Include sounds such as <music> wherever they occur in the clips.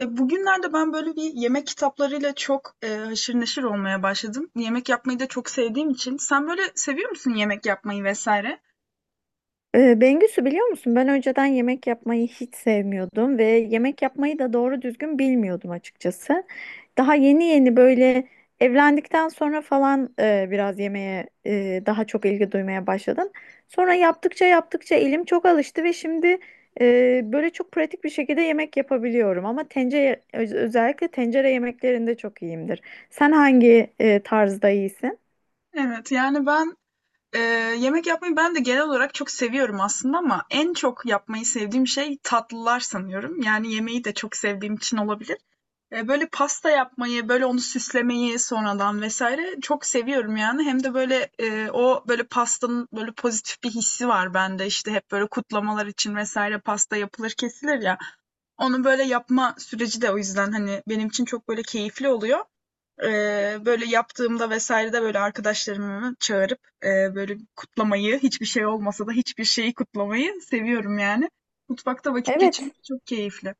Bugünlerde ben böyle bir yemek kitaplarıyla çok, haşır neşir olmaya başladım. Yemek yapmayı da çok sevdiğim için. Sen böyle seviyor musun yemek yapmayı vesaire? Bengüsü biliyor musun? Ben önceden yemek yapmayı hiç sevmiyordum ve yemek yapmayı da doğru düzgün bilmiyordum açıkçası. Daha yeni yeni böyle evlendikten sonra falan biraz yemeğe daha çok ilgi duymaya başladım. Sonra yaptıkça yaptıkça elim çok alıştı ve şimdi böyle çok pratik bir şekilde yemek yapabiliyorum. Ama tencere özellikle tencere yemeklerinde çok iyiyimdir. Sen hangi tarzda iyisin? Evet, yani ben eee, yemek yapmayı ben de genel olarak çok seviyorum aslında ama en çok yapmayı sevdiğim şey tatlılar sanıyorum. Yani yemeği de çok sevdiğim için olabilir. Böyle pasta yapmayı, böyle onu süslemeyi sonradan vesaire çok seviyorum yani. Hem de böyle, o böyle pastanın böyle pozitif bir hissi var bende. İşte hep böyle kutlamalar için vesaire pasta yapılır, kesilir ya. Onu böyle yapma süreci de o yüzden hani benim için çok böyle keyifli oluyor. Böyle yaptığımda vesaire de böyle arkadaşlarımı çağırıp, böyle kutlamayı, hiçbir şey olmasa da hiçbir şeyi kutlamayı seviyorum yani. Mutfakta vakit Evet. geçirmek çok keyifli.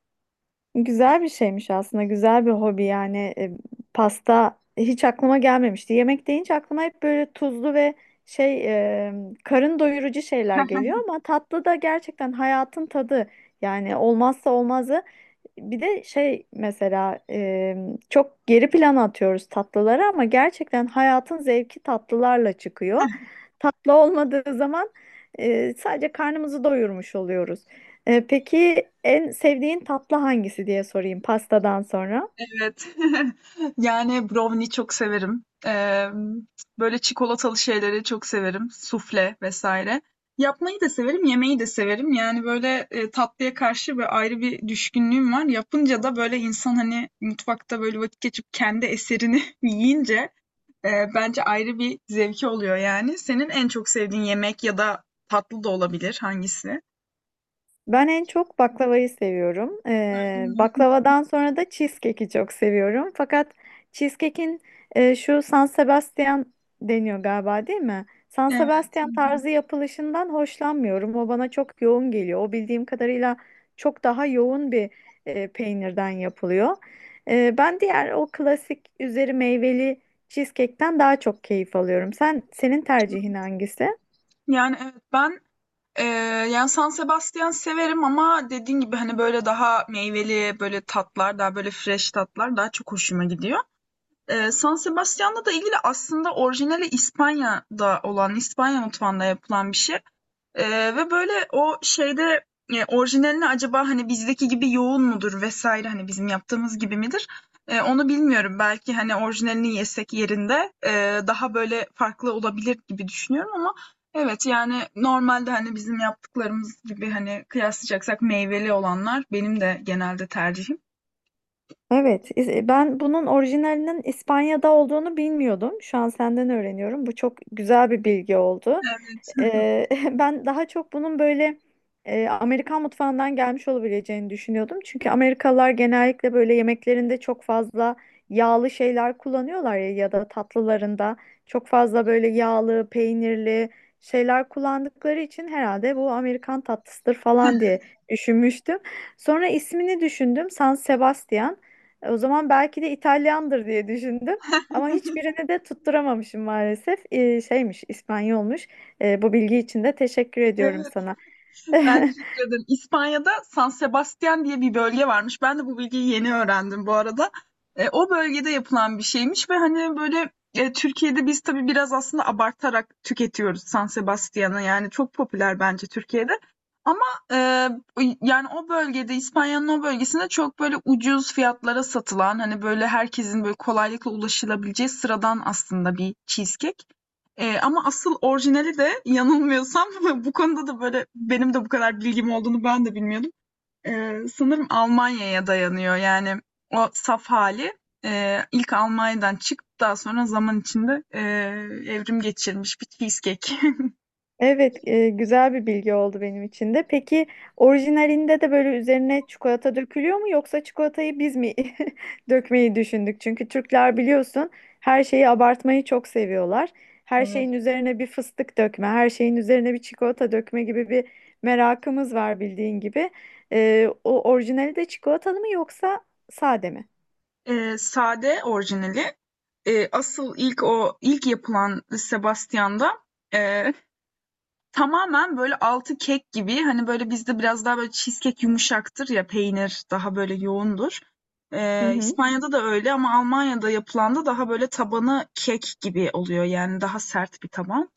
Güzel bir şeymiş aslında. Güzel bir hobi yani. Pasta hiç aklıma gelmemişti. Yemek deyince aklıma hep böyle tuzlu ve şey e, karın doyurucu şeyler geliyor ama tatlı da gerçekten hayatın tadı. Yani olmazsa olmazı. Bir de şey mesela çok geri plana atıyoruz tatlıları ama gerçekten hayatın zevki tatlılarla çıkıyor. Tatlı olmadığı zaman sadece karnımızı doyurmuş oluyoruz. Peki en sevdiğin tatlı hangisi diye sorayım pastadan sonra. Evet. <laughs> Yani brownie çok severim. Böyle çikolatalı şeyleri çok severim. Sufle vesaire. Yapmayı da severim, yemeyi de severim. Yani, böyle, tatlıya karşı böyle ayrı bir düşkünlüğüm var. Yapınca da böyle insan, hani, mutfakta böyle vakit geçirip kendi eserini <laughs> yiyince, bence ayrı bir zevki oluyor yani. Senin en çok sevdiğin yemek ya da tatlı da olabilir, hangisi? Ben en çok baklavayı seviyorum. Öyle mi? Baklavadan sonra da cheesecake'i çok seviyorum. Fakat cheesecake'in şu San Sebastian deniyor galiba değil mi? San Evet. Hı Sebastian hı. tarzı yapılışından hoşlanmıyorum. O bana çok yoğun geliyor. O bildiğim kadarıyla çok daha yoğun bir peynirden yapılıyor. Ben diğer o klasik üzeri meyveli cheesecake'ten daha çok keyif alıyorum. Senin tercihin hangisi? Yani, evet, ben Eee, yani, San Sebastian severim ama dediğin gibi, hani, böyle daha meyveli, böyle tatlar, daha böyle fresh tatlar daha çok hoşuma gidiyor. San Sebastian'la da ilgili aslında orijinali İspanya'da olan, İspanya mutfağında yapılan bir şey. Ve böyle o şeyde, orijinalini acaba, hani, bizdeki gibi yoğun mudur vesaire hani, bizim yaptığımız gibi midir, onu bilmiyorum. Belki, hani, orijinalini yesek yerinde, daha böyle farklı olabilir gibi düşünüyorum ama evet, yani, normalde, hani, bizim yaptıklarımız gibi, hani, kıyaslayacaksak meyveli olanlar benim de genelde tercihim. Evet, ben bunun orijinalinin İspanya'da olduğunu bilmiyordum. Şu an senden öğreniyorum. Bu çok güzel bir bilgi oldu. Evet, <laughs> ben daha çok bunun böyle Amerikan mutfağından gelmiş olabileceğini düşünüyordum. Çünkü Amerikalılar genellikle böyle yemeklerinde çok fazla yağlı şeyler kullanıyorlar ya, ya da tatlılarında çok fazla böyle yağlı, peynirli şeyler kullandıkları için herhalde bu Amerikan tatlısıdır falan diye düşünmüştüm. Sonra ismini düşündüm, San Sebastian. O zaman belki de İtalyandır diye düşündüm. Ama hiçbirini de tutturamamışım maalesef. Şeymiş, İspanyolmuş. Bu bilgi için de teşekkür ediyorum evet. sana. <laughs> Ben <laughs> teşekkür ederim. İspanya'da San Sebastian diye bir bölge varmış. Ben de bu bilgiyi yeni öğrendim bu arada. E, o bölgede yapılan bir şeymiş ve hani böyle e, Türkiye'de biz tabii biraz aslında abartarak tüketiyoruz San Sebastian'ı. Yani çok popüler bence Türkiye'de. Ama e, yani o bölgede İspanya'nın o bölgesinde çok böyle ucuz fiyatlara satılan hani böyle herkesin böyle kolaylıkla ulaşılabileceği sıradan aslında bir cheesecake. Ama asıl orijinali de yanılmıyorsam <laughs> bu konuda da, böyle, benim de bu kadar bilgim olduğunu ben de bilmiyordum. Sanırım Almanya'ya dayanıyor. Yani o saf hali, ilk Almanya'dan çıkıp daha sonra zaman içinde, evrim geçirmiş bir cheesecake. <laughs> Evet, güzel bir bilgi oldu benim için de. Peki orijinalinde de böyle üzerine çikolata dökülüyor mu yoksa çikolatayı biz mi <laughs> dökmeyi düşündük? Çünkü Türkler biliyorsun her şeyi abartmayı çok seviyorlar. Her şeyin Evet. üzerine bir fıstık dökme, her şeyin üzerine bir çikolata dökme gibi bir merakımız var bildiğin gibi. O orijinali de çikolatalı mı yoksa sade mi? Sade orijinali. Asıl ilk o ilk yapılan Sebastian'da, eee tamamen böyle altı kek gibi, hani, böyle, bizde biraz daha böyle cheesecake yumuşaktır ya, peynir daha böyle yoğundur. Hı hı. İspanya'da da öyle ama Almanya'da yapılan da daha böyle tabanı kek gibi oluyor, yani daha sert bir taban.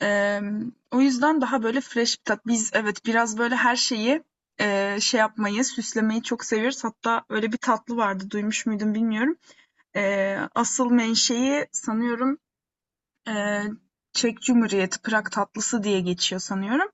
O yüzden daha böyle fresh bir tat. Biz evet, biraz böyle her şeyi, şey yapmayı, süslemeyi çok seviyoruz. Hatta öyle bir tatlı vardı, duymuş muydun bilmiyorum. Asıl menşei sanıyorum, eee, Çek Cumhuriyeti, Prag tatlısı diye geçiyor sanıyorum.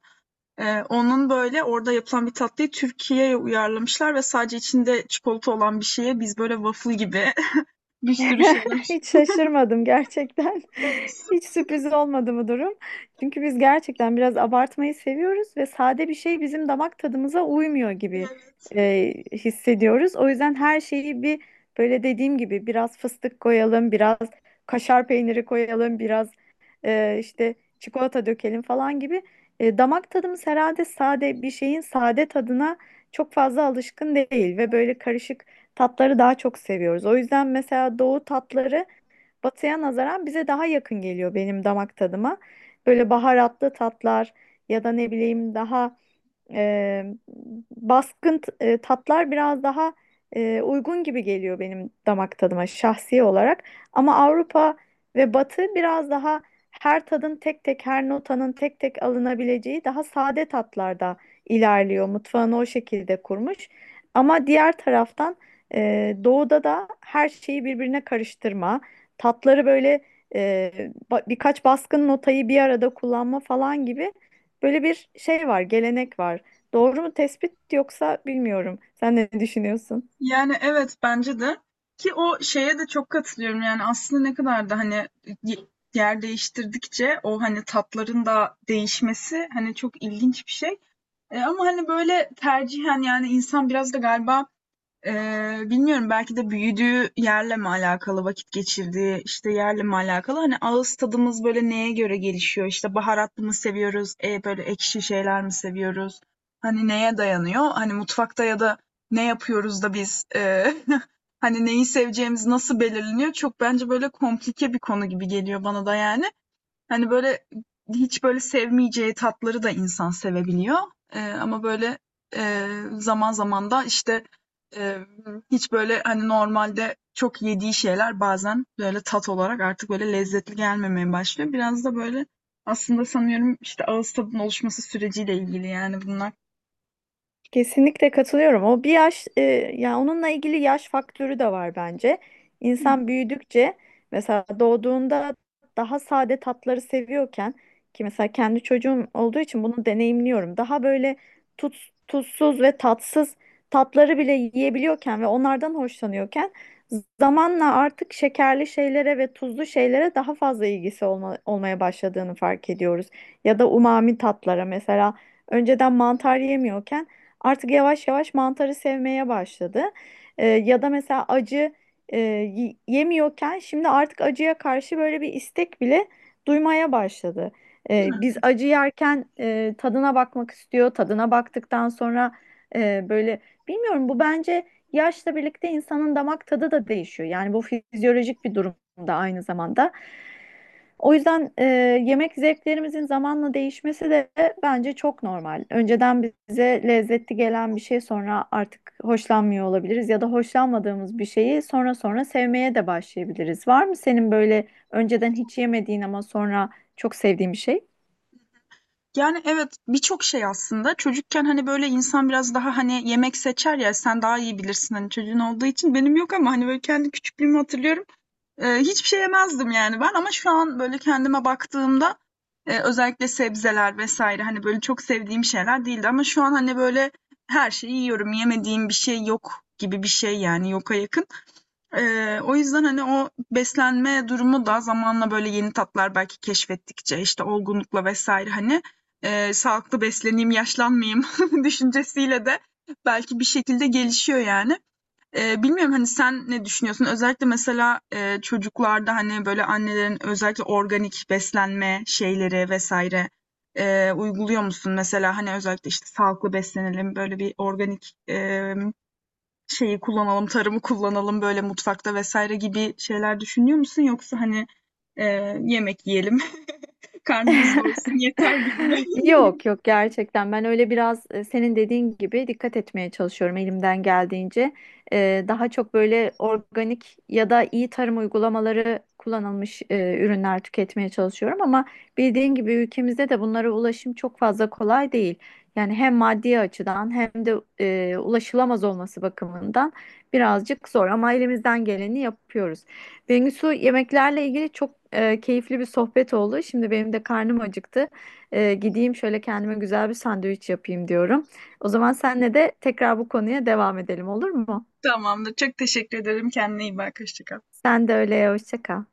Onun böyle orada yapılan bir tatlıyı Türkiye'ye uyarlamışlar ve sadece içinde çikolata olan bir şeye biz böyle waffle gibi <laughs> bir sürü <laughs> şeyler. Hiç şaşırmadım gerçekten. <laughs> Hiç sürpriz olmadı bu durum. Çünkü biz gerçekten biraz abartmayı seviyoruz ve sade bir şey bizim damak tadımıza uymuyor gibi Evet. Hissediyoruz. O yüzden her şeyi bir böyle dediğim gibi biraz fıstık koyalım, biraz kaşar peyniri koyalım, biraz işte çikolata dökelim falan gibi. Damak tadımız herhalde sade bir şeyin sade tadına çok fazla alışkın değil ve böyle karışık tatları daha çok seviyoruz. O yüzden mesela doğu tatları batıya nazaran bize daha yakın geliyor benim damak tadıma. Böyle baharatlı tatlar ya da ne bileyim daha e, baskın tatlar biraz daha uygun gibi geliyor benim damak tadıma şahsi olarak. Ama Avrupa ve Batı biraz daha her tadın tek tek, her notanın tek tek alınabileceği daha sade tatlarda ilerliyor. Mutfağını o şekilde kurmuş. Ama diğer taraftan doğuda da her şeyi birbirine karıştırma, tatları böyle e, birkaç baskın notayı bir arada kullanma falan gibi böyle bir şey var, gelenek var. Doğru mu tespit yoksa bilmiyorum. Sen ne düşünüyorsun? Yani, evet, bence de ki o şeye de çok katılıyorum. Yani, aslında ne kadar da, hani, y yer değiştirdikçe o, hani, tatların da değişmesi, hani, çok ilginç bir şey. Ama, hani, böyle tercihen, yani, insan biraz da galiba, bilmiyorum belki de büyüdüğü yerle mi alakalı, vakit geçirdiği, işte, yerle mi alakalı? Hani ağız tadımız böyle neye göre gelişiyor? İşte baharatlı mı seviyoruz, e böyle ekşi şeyler mi seviyoruz? Hani neye dayanıyor? Hani mutfakta ya da ne yapıyoruz da biz, <laughs> hani neyi seveceğimiz nasıl belirleniyor? Çok bence böyle komplike bir konu gibi geliyor bana da yani. Hani, böyle, hiç, böyle, sevmeyeceği tatları da insan sevebiliyor. Ama, böyle, zaman zaman da, işte, hiç, böyle, hani, normalde çok yediği şeyler bazen, böyle, tat olarak artık, böyle, lezzetli gelmemeye başlıyor. Biraz da, böyle, aslında sanıyorum, işte, ağız tadının oluşması süreciyle ilgili, yani, bunlar. Kesinlikle katılıyorum. O bir yaş, ya onunla ilgili yaş faktörü de var bence. İnsan Hıh. büyüdükçe mesela doğduğunda daha sade tatları seviyorken ki mesela kendi çocuğum olduğu için bunu deneyimliyorum. Daha böyle tuz, tuzsuz ve tatsız tatları bile yiyebiliyorken ve onlardan hoşlanıyorken zamanla artık şekerli şeylere ve tuzlu şeylere daha fazla ilgisi olmaya başladığını fark ediyoruz. Ya da umami tatlara mesela önceden mantar yemiyorken artık yavaş yavaş mantarı sevmeye başladı. Ya da mesela acı yemiyorken şimdi artık acıya karşı böyle bir istek bile duymaya başladı. Değil mi? Biz acı yerken tadına bakmak istiyor. Tadına baktıktan sonra böyle bilmiyorum bu bence yaşla birlikte insanın damak tadı da değişiyor. Yani bu fizyolojik bir durum da aynı zamanda. O yüzden yemek zevklerimizin zamanla değişmesi de bence çok normal. Önceden bize lezzetli gelen bir şey sonra artık hoşlanmıyor olabiliriz ya da hoşlanmadığımız bir şeyi sonra sonra sevmeye de başlayabiliriz. Var mı senin böyle önceden hiç yemediğin ama sonra çok sevdiğin bir şey? Yani, evet, birçok şey aslında. Çocukken, hani, böyle, insan biraz daha, hani, yemek seçer ya, sen daha iyi bilirsin, hani, çocuğun olduğu için. Benim yok ama, hani, böyle, kendi küçüklüğümü hatırlıyorum. Hiçbir şey yemezdim yani ben ama şu an, böyle, kendime baktığımda, özellikle sebzeler vs. hani, böyle, çok sevdiğim şeyler değildi ama şu an, hani, böyle, her şeyi yiyorum, yemediğim bir şey yok gibi bir şey, yani, yoka yakın. O yüzden, hani, o beslenme durumu da zamanla, böyle, yeni tatlar belki keşfettikçe, işte, olgunlukla vs. hani, sağlıklı besleneyim, yaşlanmayayım <laughs> düşüncesiyle de belki bir şekilde gelişiyor, yani. Bilmiyorum, hani, sen ne düşünüyorsun? Özellikle mesela, çocuklarda, hani, böyle annelerin özellikle organik beslenme şeyleri vesaire, uyguluyor musun? Mesela, hani, özellikle, işte, sağlıklı beslenelim, böyle bir organik, şeyi kullanalım, tarımı kullanalım böyle mutfakta vesaire gibi şeyler düşünüyor musun? Yoksa, hani, yemek yiyelim, <laughs> karnımız doysun yeter gibi mi? <laughs> <laughs> Yok yok gerçekten ben öyle biraz senin dediğin gibi dikkat etmeye çalışıyorum elimden geldiğince. Daha çok böyle organik ya da iyi tarım uygulamaları kullanılmış ürünler tüketmeye çalışıyorum ama bildiğin gibi ülkemizde de bunlara ulaşım çok fazla kolay değil. Yani hem maddi açıdan hem de ulaşılamaz olması bakımından birazcık zor ama elimizden geleni yapıyoruz. Bengisu yemeklerle ilgili çok keyifli bir sohbet oldu. Şimdi benim de karnım acıktı. Gideyim şöyle kendime güzel bir sandviç yapayım diyorum. O zaman senle de tekrar bu konuya devam edelim olur mu? Tamamdır. Çok teşekkür ederim. Kendine iyi bak. Hoşça kal. Sen de öyle hoşça kal.